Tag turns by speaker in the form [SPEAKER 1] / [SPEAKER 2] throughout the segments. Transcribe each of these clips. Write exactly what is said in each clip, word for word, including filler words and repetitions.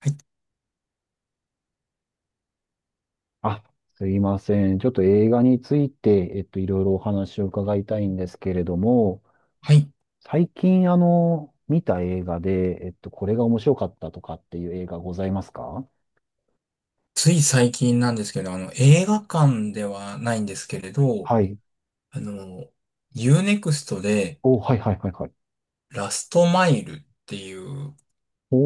[SPEAKER 1] はい。
[SPEAKER 2] あ、すいません。ちょっと映画について、えっと、いろいろお話を伺いたいんですけれども、
[SPEAKER 1] はい。
[SPEAKER 2] 最近、あの、見た映画で、えっと、これが面白かったとかっていう映画ございますか？
[SPEAKER 1] つい最近なんですけど、あの、映画館ではないんですけれど、
[SPEAKER 2] はい。
[SPEAKER 1] あの、U-ユーネクスト で
[SPEAKER 2] お、はいはいはいはい。
[SPEAKER 1] ラストマイルっていう
[SPEAKER 2] お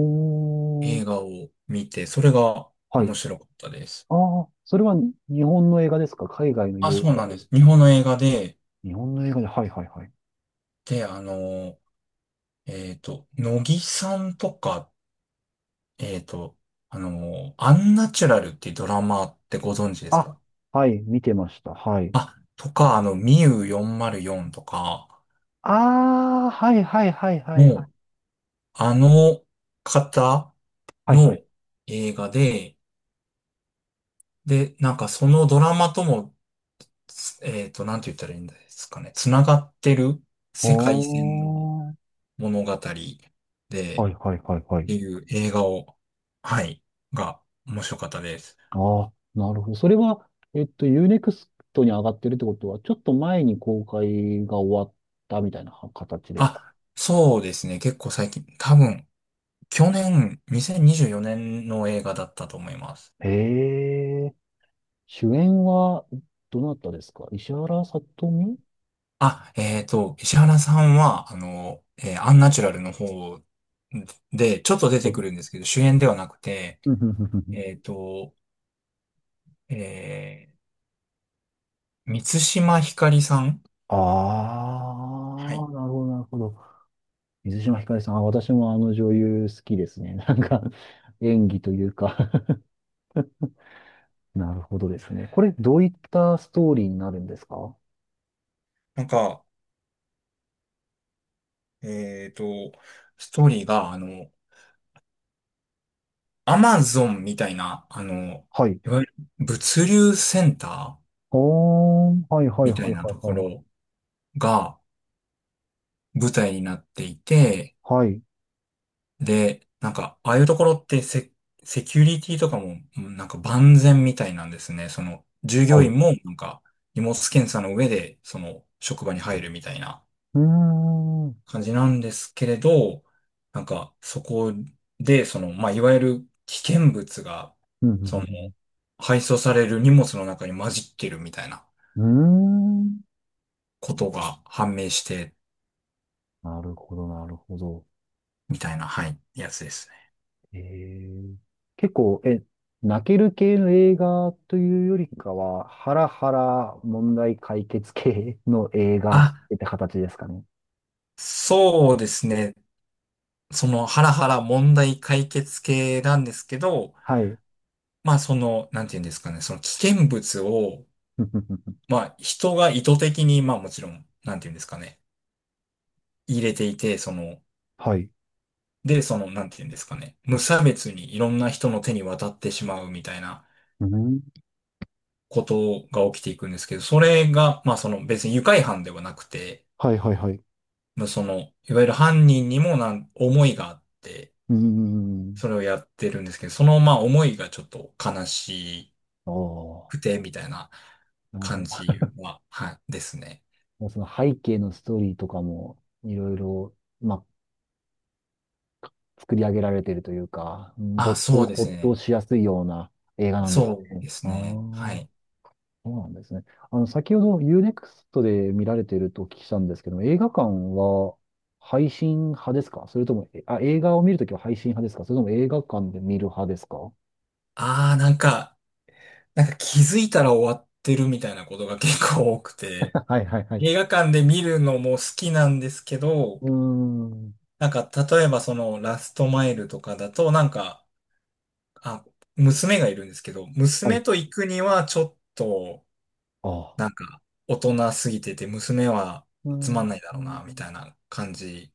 [SPEAKER 2] ー、
[SPEAKER 1] 映画を見て、それが
[SPEAKER 2] はい。
[SPEAKER 1] 面白かったです。
[SPEAKER 2] ああ、それは日本の映画ですか？海外の
[SPEAKER 1] あ、
[SPEAKER 2] 洋
[SPEAKER 1] そう
[SPEAKER 2] 画
[SPEAKER 1] なん
[SPEAKER 2] で
[SPEAKER 1] で
[SPEAKER 2] す
[SPEAKER 1] す。日
[SPEAKER 2] か？
[SPEAKER 1] 本の映画で、
[SPEAKER 2] 日本の映画で、はいはいはい。
[SPEAKER 1] で、あの、えっと、乃木さんとか、えっと、あの、アンナチュラルっていうドラマってご存知です
[SPEAKER 2] あ、
[SPEAKER 1] か？
[SPEAKER 2] はい、見てました。はい。
[SPEAKER 1] あ、とか、あの、ミウヨンマルヨンとか、
[SPEAKER 2] ああ、はいはいはいはいは
[SPEAKER 1] も
[SPEAKER 2] い。
[SPEAKER 1] う、あの方
[SPEAKER 2] はいは
[SPEAKER 1] の
[SPEAKER 2] い。
[SPEAKER 1] 映画で、で、なんかそのドラマとも、つえっと、なんて言ったらいいんですかね、つながってる
[SPEAKER 2] お
[SPEAKER 1] 世界線の
[SPEAKER 2] ー、
[SPEAKER 1] 物語で、
[SPEAKER 2] は
[SPEAKER 1] っ
[SPEAKER 2] いはいはいはい。
[SPEAKER 1] ていう映画を、はい、が面白かったです。
[SPEAKER 2] ああ、なるほど。それは、えっと、U ネクストに上がってるってことは、ちょっと前に公開が終わったみたいな形ですか？
[SPEAKER 1] あ、そうですね、結構最近、多分、去年、にせんにじゅうよねんの映画だったと思います。
[SPEAKER 2] へえ。主演は、どなたですか？石原さとみ？
[SPEAKER 1] あ、えっと、石原さんは、あの、えーアンナチュラルの方で、ちょっと出
[SPEAKER 2] は
[SPEAKER 1] て
[SPEAKER 2] い。
[SPEAKER 1] くるんですけど、主演ではなくて、
[SPEAKER 2] うんうんうんうん。
[SPEAKER 1] えっと、えー、満島ひかりさん。
[SPEAKER 2] あ
[SPEAKER 1] はい。
[SPEAKER 2] あ、なるほど、なるほど。水島ひかりさん、あ私もあの女優好きですね。なんか、演技というか。 なるほどですね。これ、どういったストーリーになるんですか？
[SPEAKER 1] なんか、えっと、ストーリーが、あの、アマゾンみたいな、あの、
[SPEAKER 2] はい。
[SPEAKER 1] いわゆる物流センター
[SPEAKER 2] あー、はい、はい、
[SPEAKER 1] み
[SPEAKER 2] は
[SPEAKER 1] た
[SPEAKER 2] い、
[SPEAKER 1] いな
[SPEAKER 2] はい、
[SPEAKER 1] とこ
[SPEAKER 2] はい。
[SPEAKER 1] ろが舞台になっていて、
[SPEAKER 2] はい。
[SPEAKER 1] で、なんか、ああいうところってセ、セキュリティとかも、うんなんか万全みたいなんですね。その、従
[SPEAKER 2] は
[SPEAKER 1] 業
[SPEAKER 2] い。
[SPEAKER 1] 員も、なんか、荷物検査の上で、その、職場に入るみたいな
[SPEAKER 2] うーん。うん
[SPEAKER 1] 感じなんですけれど、なんか、そこで、その、まあ、いわゆる危険物が、
[SPEAKER 2] う
[SPEAKER 1] その、
[SPEAKER 2] ん
[SPEAKER 1] 配送される荷物の中に混じってるみたいな
[SPEAKER 2] うんうん。うーん。
[SPEAKER 1] ことが判明して、
[SPEAKER 2] なるほど、なるほど。
[SPEAKER 1] みたいな、はい、やつですね。
[SPEAKER 2] えー、結構、え、泣ける系の映画というよりかは、ハラハラ問題解決系の映画っ
[SPEAKER 1] あ、
[SPEAKER 2] て形ですかね。
[SPEAKER 1] そうですね。そのハラハラ問題解決系なんですけど、
[SPEAKER 2] はい。
[SPEAKER 1] まあその、なんていうんですかね、その危険物を、
[SPEAKER 2] ふふふふ。
[SPEAKER 1] まあ人が意図的に、まあもちろん、なんていうんですかね、入れていて、その、
[SPEAKER 2] はい。
[SPEAKER 1] で、その、なんていうんですかね、無差別にいろんな人の手に渡ってしまうみたいな
[SPEAKER 2] うん。
[SPEAKER 1] ことが起きていくんですけど、それが、まあその別に愉快犯ではなくて、
[SPEAKER 2] はいはいはい。
[SPEAKER 1] まあその、いわゆる犯人にもなん、思いがあって、
[SPEAKER 2] うん。
[SPEAKER 1] それをやってるんですけど、そのまあ思いがちょっと悲しい、
[SPEAKER 2] ああ、
[SPEAKER 1] くて、みたいな
[SPEAKER 2] なる
[SPEAKER 1] 感
[SPEAKER 2] ほ
[SPEAKER 1] じは、はい、ですね。
[SPEAKER 2] ど。その背景のストーリーとかも、いろいろ、まあ、作り上げられているというか、うん、
[SPEAKER 1] あ、
[SPEAKER 2] 没
[SPEAKER 1] そう
[SPEAKER 2] 頭、
[SPEAKER 1] で
[SPEAKER 2] 没
[SPEAKER 1] す
[SPEAKER 2] 頭
[SPEAKER 1] ね。
[SPEAKER 2] しやすいような映画なんで
[SPEAKER 1] そ
[SPEAKER 2] す
[SPEAKER 1] う
[SPEAKER 2] ね。
[SPEAKER 1] です
[SPEAKER 2] ああ、
[SPEAKER 1] ね。は
[SPEAKER 2] そ
[SPEAKER 1] い。
[SPEAKER 2] うなんですね。あの、先ほどユーネクストで見られているとお聞きしたんですけども、映画館は配信派ですか？それとも、え、あ、映画を見るときは配信派ですか？それとも映画館で見る派ですか？ は
[SPEAKER 1] ああ、なんか、なんか気づいたら終わってるみたいなことが結構多く
[SPEAKER 2] い
[SPEAKER 1] て、
[SPEAKER 2] はいはい。
[SPEAKER 1] 映画館で見るのも好きなんですけど、
[SPEAKER 2] うーん。
[SPEAKER 1] なんか例えばそのラストマイルとかだと、なんか、あ、娘がいるんですけど、
[SPEAKER 2] は
[SPEAKER 1] 娘
[SPEAKER 2] い。
[SPEAKER 1] と行くにはちょっと、
[SPEAKER 2] ああ。
[SPEAKER 1] なんか大人すぎてて、娘は
[SPEAKER 2] うー
[SPEAKER 1] つ
[SPEAKER 2] ん。
[SPEAKER 1] まんないだろうな、み
[SPEAKER 2] う
[SPEAKER 1] たいな感じ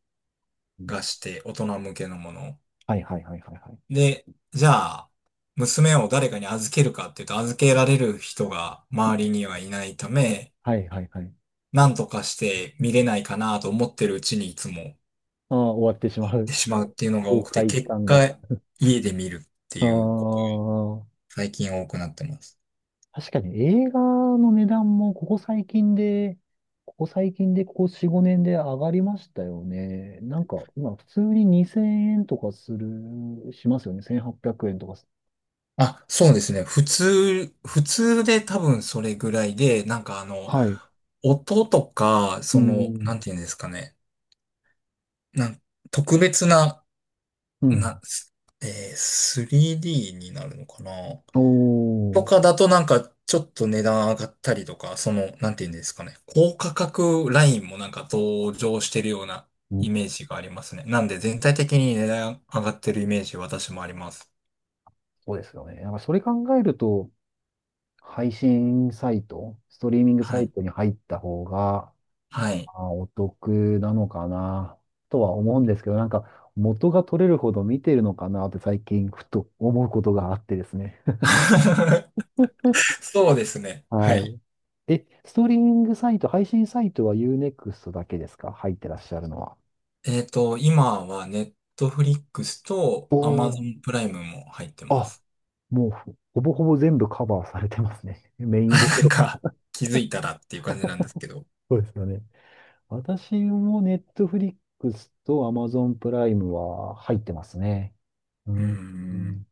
[SPEAKER 1] が
[SPEAKER 2] ん。
[SPEAKER 1] して大人向けのもの。
[SPEAKER 2] はいはいはいはいはい。
[SPEAKER 1] で、じゃあ、娘を誰かに預けるかっていうと預けられる人が周りにはいないため、
[SPEAKER 2] はいはいはい。
[SPEAKER 1] なんとかして見れないかなと思ってるうちにいつもっ
[SPEAKER 2] ああ、終わってしまう。
[SPEAKER 1] てしまうっていうのが多
[SPEAKER 2] 公
[SPEAKER 1] くて、
[SPEAKER 2] 開
[SPEAKER 1] 結
[SPEAKER 2] 感が。
[SPEAKER 1] 果家で見るって
[SPEAKER 2] あ
[SPEAKER 1] いうこと、
[SPEAKER 2] あ。
[SPEAKER 1] 最近多くなってます。
[SPEAKER 2] 確かに映画の値段もここ最近で、ここ最近でここよん、ごねんで上がりましたよね。なんか今普通ににせんえんとかする、しますよね。せんはっぴゃくえんとかす。
[SPEAKER 1] あ、そうですね。普通、普通で多分それぐらいで、なんかあの、
[SPEAKER 2] はい。う
[SPEAKER 1] 音とか、
[SPEAKER 2] ー
[SPEAKER 1] その、なん
[SPEAKER 2] ん。
[SPEAKER 1] ていうんですかね。なん特別な
[SPEAKER 2] うん。
[SPEAKER 1] な、すえー スリーディー になるのかな
[SPEAKER 2] お
[SPEAKER 1] と
[SPEAKER 2] ー。
[SPEAKER 1] かだとなんかちょっと値段上がったりとか、その、なんていうんですかね。高価格ラインもなんか登場してるような
[SPEAKER 2] うん。
[SPEAKER 1] イメージがありますね。なんで全体的に値段上がってるイメージ私もあります。
[SPEAKER 2] そうですよね。なんかそれ考えると、配信サイト、ストリーミング
[SPEAKER 1] は
[SPEAKER 2] サイ
[SPEAKER 1] い。
[SPEAKER 2] トに入った方が、
[SPEAKER 1] はい。
[SPEAKER 2] あ、お得なのかな、とは思うんですけど、なんか、元が取れるほど見てるのかなって最近ふと思うことがあってですね。
[SPEAKER 1] そうですね。は
[SPEAKER 2] は
[SPEAKER 1] い。
[SPEAKER 2] い。え、ストリーミングサイト、配信サイトは U-ネクスト だけですか？入ってらっしゃるのは。
[SPEAKER 1] えっと、今はネットフリックスと
[SPEAKER 2] お
[SPEAKER 1] アマゾ
[SPEAKER 2] お、
[SPEAKER 1] ンプライムも入ってま
[SPEAKER 2] あ、
[SPEAKER 1] す。
[SPEAKER 2] もうほほぼほぼ全部カバーされてますね。メインどこ
[SPEAKER 1] なん
[SPEAKER 2] ろ。
[SPEAKER 1] か気づいたらっていう感じなんですけど。
[SPEAKER 2] そうですよね。私も Netflix と Amazon プライムは入ってますね。う
[SPEAKER 1] うー
[SPEAKER 2] ん。う
[SPEAKER 1] ん。
[SPEAKER 2] ん。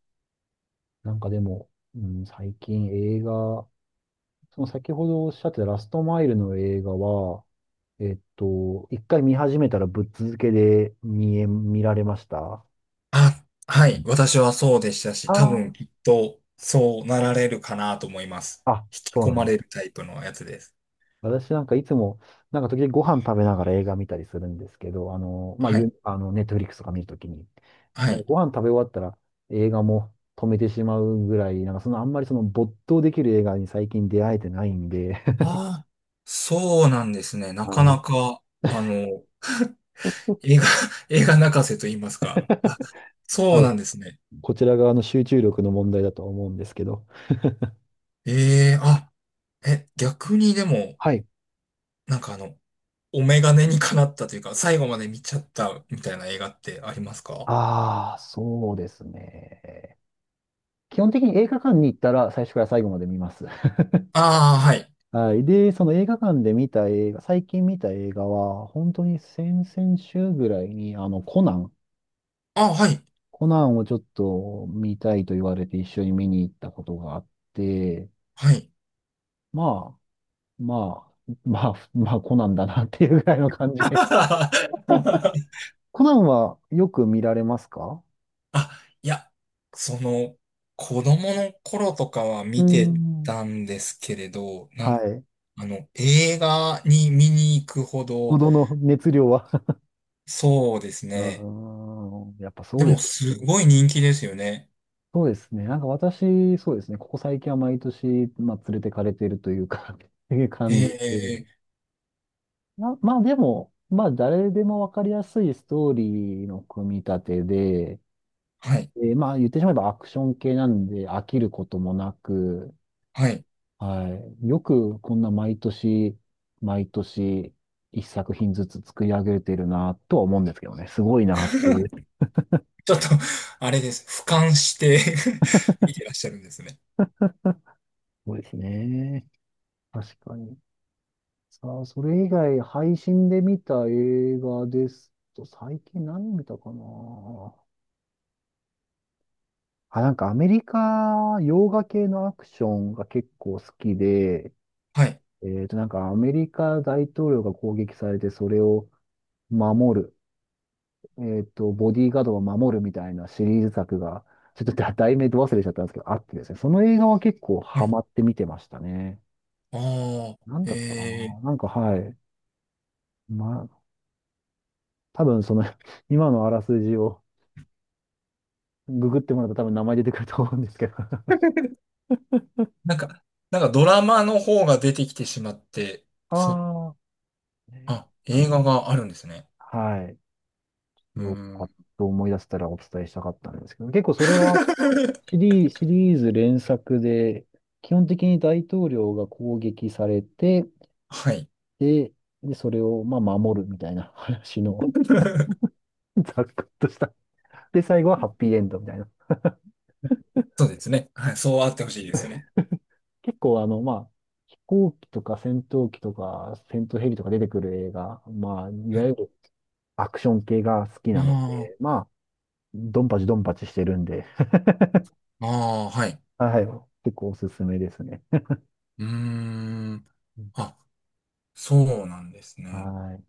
[SPEAKER 2] なんかでも、うん、最近映画、その先ほどおっしゃってたラストマイルの映画は、えっと、一回見始めたらぶっ続けで見え、見られました？
[SPEAKER 1] あ、はい。私はそうでしたし、多
[SPEAKER 2] あ
[SPEAKER 1] 分きっとそうなられるかなと思います。
[SPEAKER 2] あ、あ、
[SPEAKER 1] 引
[SPEAKER 2] そう
[SPEAKER 1] き込
[SPEAKER 2] なん
[SPEAKER 1] ま
[SPEAKER 2] で
[SPEAKER 1] れる
[SPEAKER 2] す。
[SPEAKER 1] タイプのやつです。
[SPEAKER 2] 私なんかいつも、なんか時々ご飯食べながら映画見たりするんですけど、あの、まあ、
[SPEAKER 1] はい。
[SPEAKER 2] ゆ、あの、ネットフリックスとか見るときに、
[SPEAKER 1] は
[SPEAKER 2] なんか
[SPEAKER 1] い。
[SPEAKER 2] ご飯食べ終わったら映画も止めてしまうぐらい、なんかそのあんまりその没頭できる映画に最近出会えてないんで。
[SPEAKER 1] ああ、そうなんですね。な
[SPEAKER 2] は
[SPEAKER 1] かな
[SPEAKER 2] い。
[SPEAKER 1] か、あの、映画、映画泣かせと言いますか。あ、
[SPEAKER 2] 多
[SPEAKER 1] そうな
[SPEAKER 2] 分
[SPEAKER 1] んですね。
[SPEAKER 2] こちら側の集中力の問題だと思うんですけど、
[SPEAKER 1] ええあ、え、逆にでも、
[SPEAKER 2] はい。
[SPEAKER 1] なんかあの、お眼鏡にかなったというか、最後まで見ちゃったみたいな映画ってありますか？
[SPEAKER 2] ああ、そうですね。基本的に映画館に行ったら最初から最後まで見ます。
[SPEAKER 1] ああー、はい。
[SPEAKER 2] はい。で、その映画館で見た映画、最近見た映画は、本当に先々週ぐらいに、あの、コナン、
[SPEAKER 1] あ、はい。
[SPEAKER 2] コナンをちょっと見たいと言われて一緒に見に行ったことがあって、
[SPEAKER 1] はい。
[SPEAKER 2] まあ、まあ、まあ、まあ、コナンだなっていうぐらいの感じで。コナンはよく見られますか？
[SPEAKER 1] あ、いや、その、子供の頃とかは
[SPEAKER 2] うー
[SPEAKER 1] 見て
[SPEAKER 2] ん。
[SPEAKER 1] たんですけれど、な
[SPEAKER 2] は
[SPEAKER 1] ん、
[SPEAKER 2] い。
[SPEAKER 1] あの、映画に見に行くほ
[SPEAKER 2] ほ
[SPEAKER 1] ど、
[SPEAKER 2] どの熱量は。
[SPEAKER 1] そうです
[SPEAKER 2] うー
[SPEAKER 1] ね。
[SPEAKER 2] ん、やっぱそ
[SPEAKER 1] で
[SPEAKER 2] う
[SPEAKER 1] も、
[SPEAKER 2] です。
[SPEAKER 1] すごい人気ですよね。
[SPEAKER 2] そうですね。なんか私、そうですね。ここ最近は毎年、まあ、連れてかれているというか。 っていう
[SPEAKER 1] え
[SPEAKER 2] 感じで。
[SPEAKER 1] え、
[SPEAKER 2] な、まあでも、まあ誰でもわかりやすいストーリーの組み立てで、
[SPEAKER 1] はい、
[SPEAKER 2] えーまあ言ってしまえばアクション系なんで飽きることもなく、
[SPEAKER 1] はい。
[SPEAKER 2] はい。よくこんな毎年、毎年、一作品ずつ作り上げてるなとは思うんですけどね。すごい なっていう。
[SPEAKER 1] ちょっと、あれです。俯瞰して 見てらっしゃるんですね。
[SPEAKER 2] そうですね。確かに。さあ、それ以外、配信で見た映画ですと、最近何見たかな。あ、なんかアメリカ、洋画系のアクションが結構好きで、
[SPEAKER 1] はい、
[SPEAKER 2] えっと、なんかアメリカ大統領が攻撃されて、それを守る、えっと、ボディーガードを守るみたいなシリーズ作が、ちょっとだ題名ど忘れしちゃったんですけど、あってですね、その映画は結構
[SPEAKER 1] は
[SPEAKER 2] ハ
[SPEAKER 1] い。
[SPEAKER 2] マって見てましたね。
[SPEAKER 1] ああ、
[SPEAKER 2] なんだったか
[SPEAKER 1] え
[SPEAKER 2] な。な
[SPEAKER 1] え、
[SPEAKER 2] んかはい。まあ、多分その 今のあらすじを、ググってもらうと多分名前出てくると思うんですけど。
[SPEAKER 1] なんか、なんかドラマの方が出てきてしまって、そ、
[SPEAKER 2] ああ。ね、
[SPEAKER 1] あ、
[SPEAKER 2] あ、
[SPEAKER 1] 映画があるんですね。
[SPEAKER 2] はい。
[SPEAKER 1] う
[SPEAKER 2] そ
[SPEAKER 1] ー
[SPEAKER 2] れをパ
[SPEAKER 1] ん。
[SPEAKER 2] ッと思い出せたらお伝えしたかったんですけど、結構それは シリー、シリーズ連作で、基本的に大統領が攻撃されて、
[SPEAKER 1] はい。
[SPEAKER 2] で、で、それをまあ守るみたいな話の。 ざっくっとした。で、最後はハッピーエンドみたいな。
[SPEAKER 1] そうですね。はい。そうあってほしいですね。
[SPEAKER 2] 結構あの、まあ、飛行機とか戦闘機とか戦闘ヘリとか出てくる映画、まあ、い
[SPEAKER 1] は
[SPEAKER 2] わ
[SPEAKER 1] い。
[SPEAKER 2] ゆるアクション系が好きなの
[SPEAKER 1] あ
[SPEAKER 2] で、まドンパチドンパチしてるんで、
[SPEAKER 1] あ、ああ、はい。
[SPEAKER 2] はい。結構おすすめですね。
[SPEAKER 1] うーん。
[SPEAKER 2] うん、
[SPEAKER 1] あ、そうなんですね。
[SPEAKER 2] はい。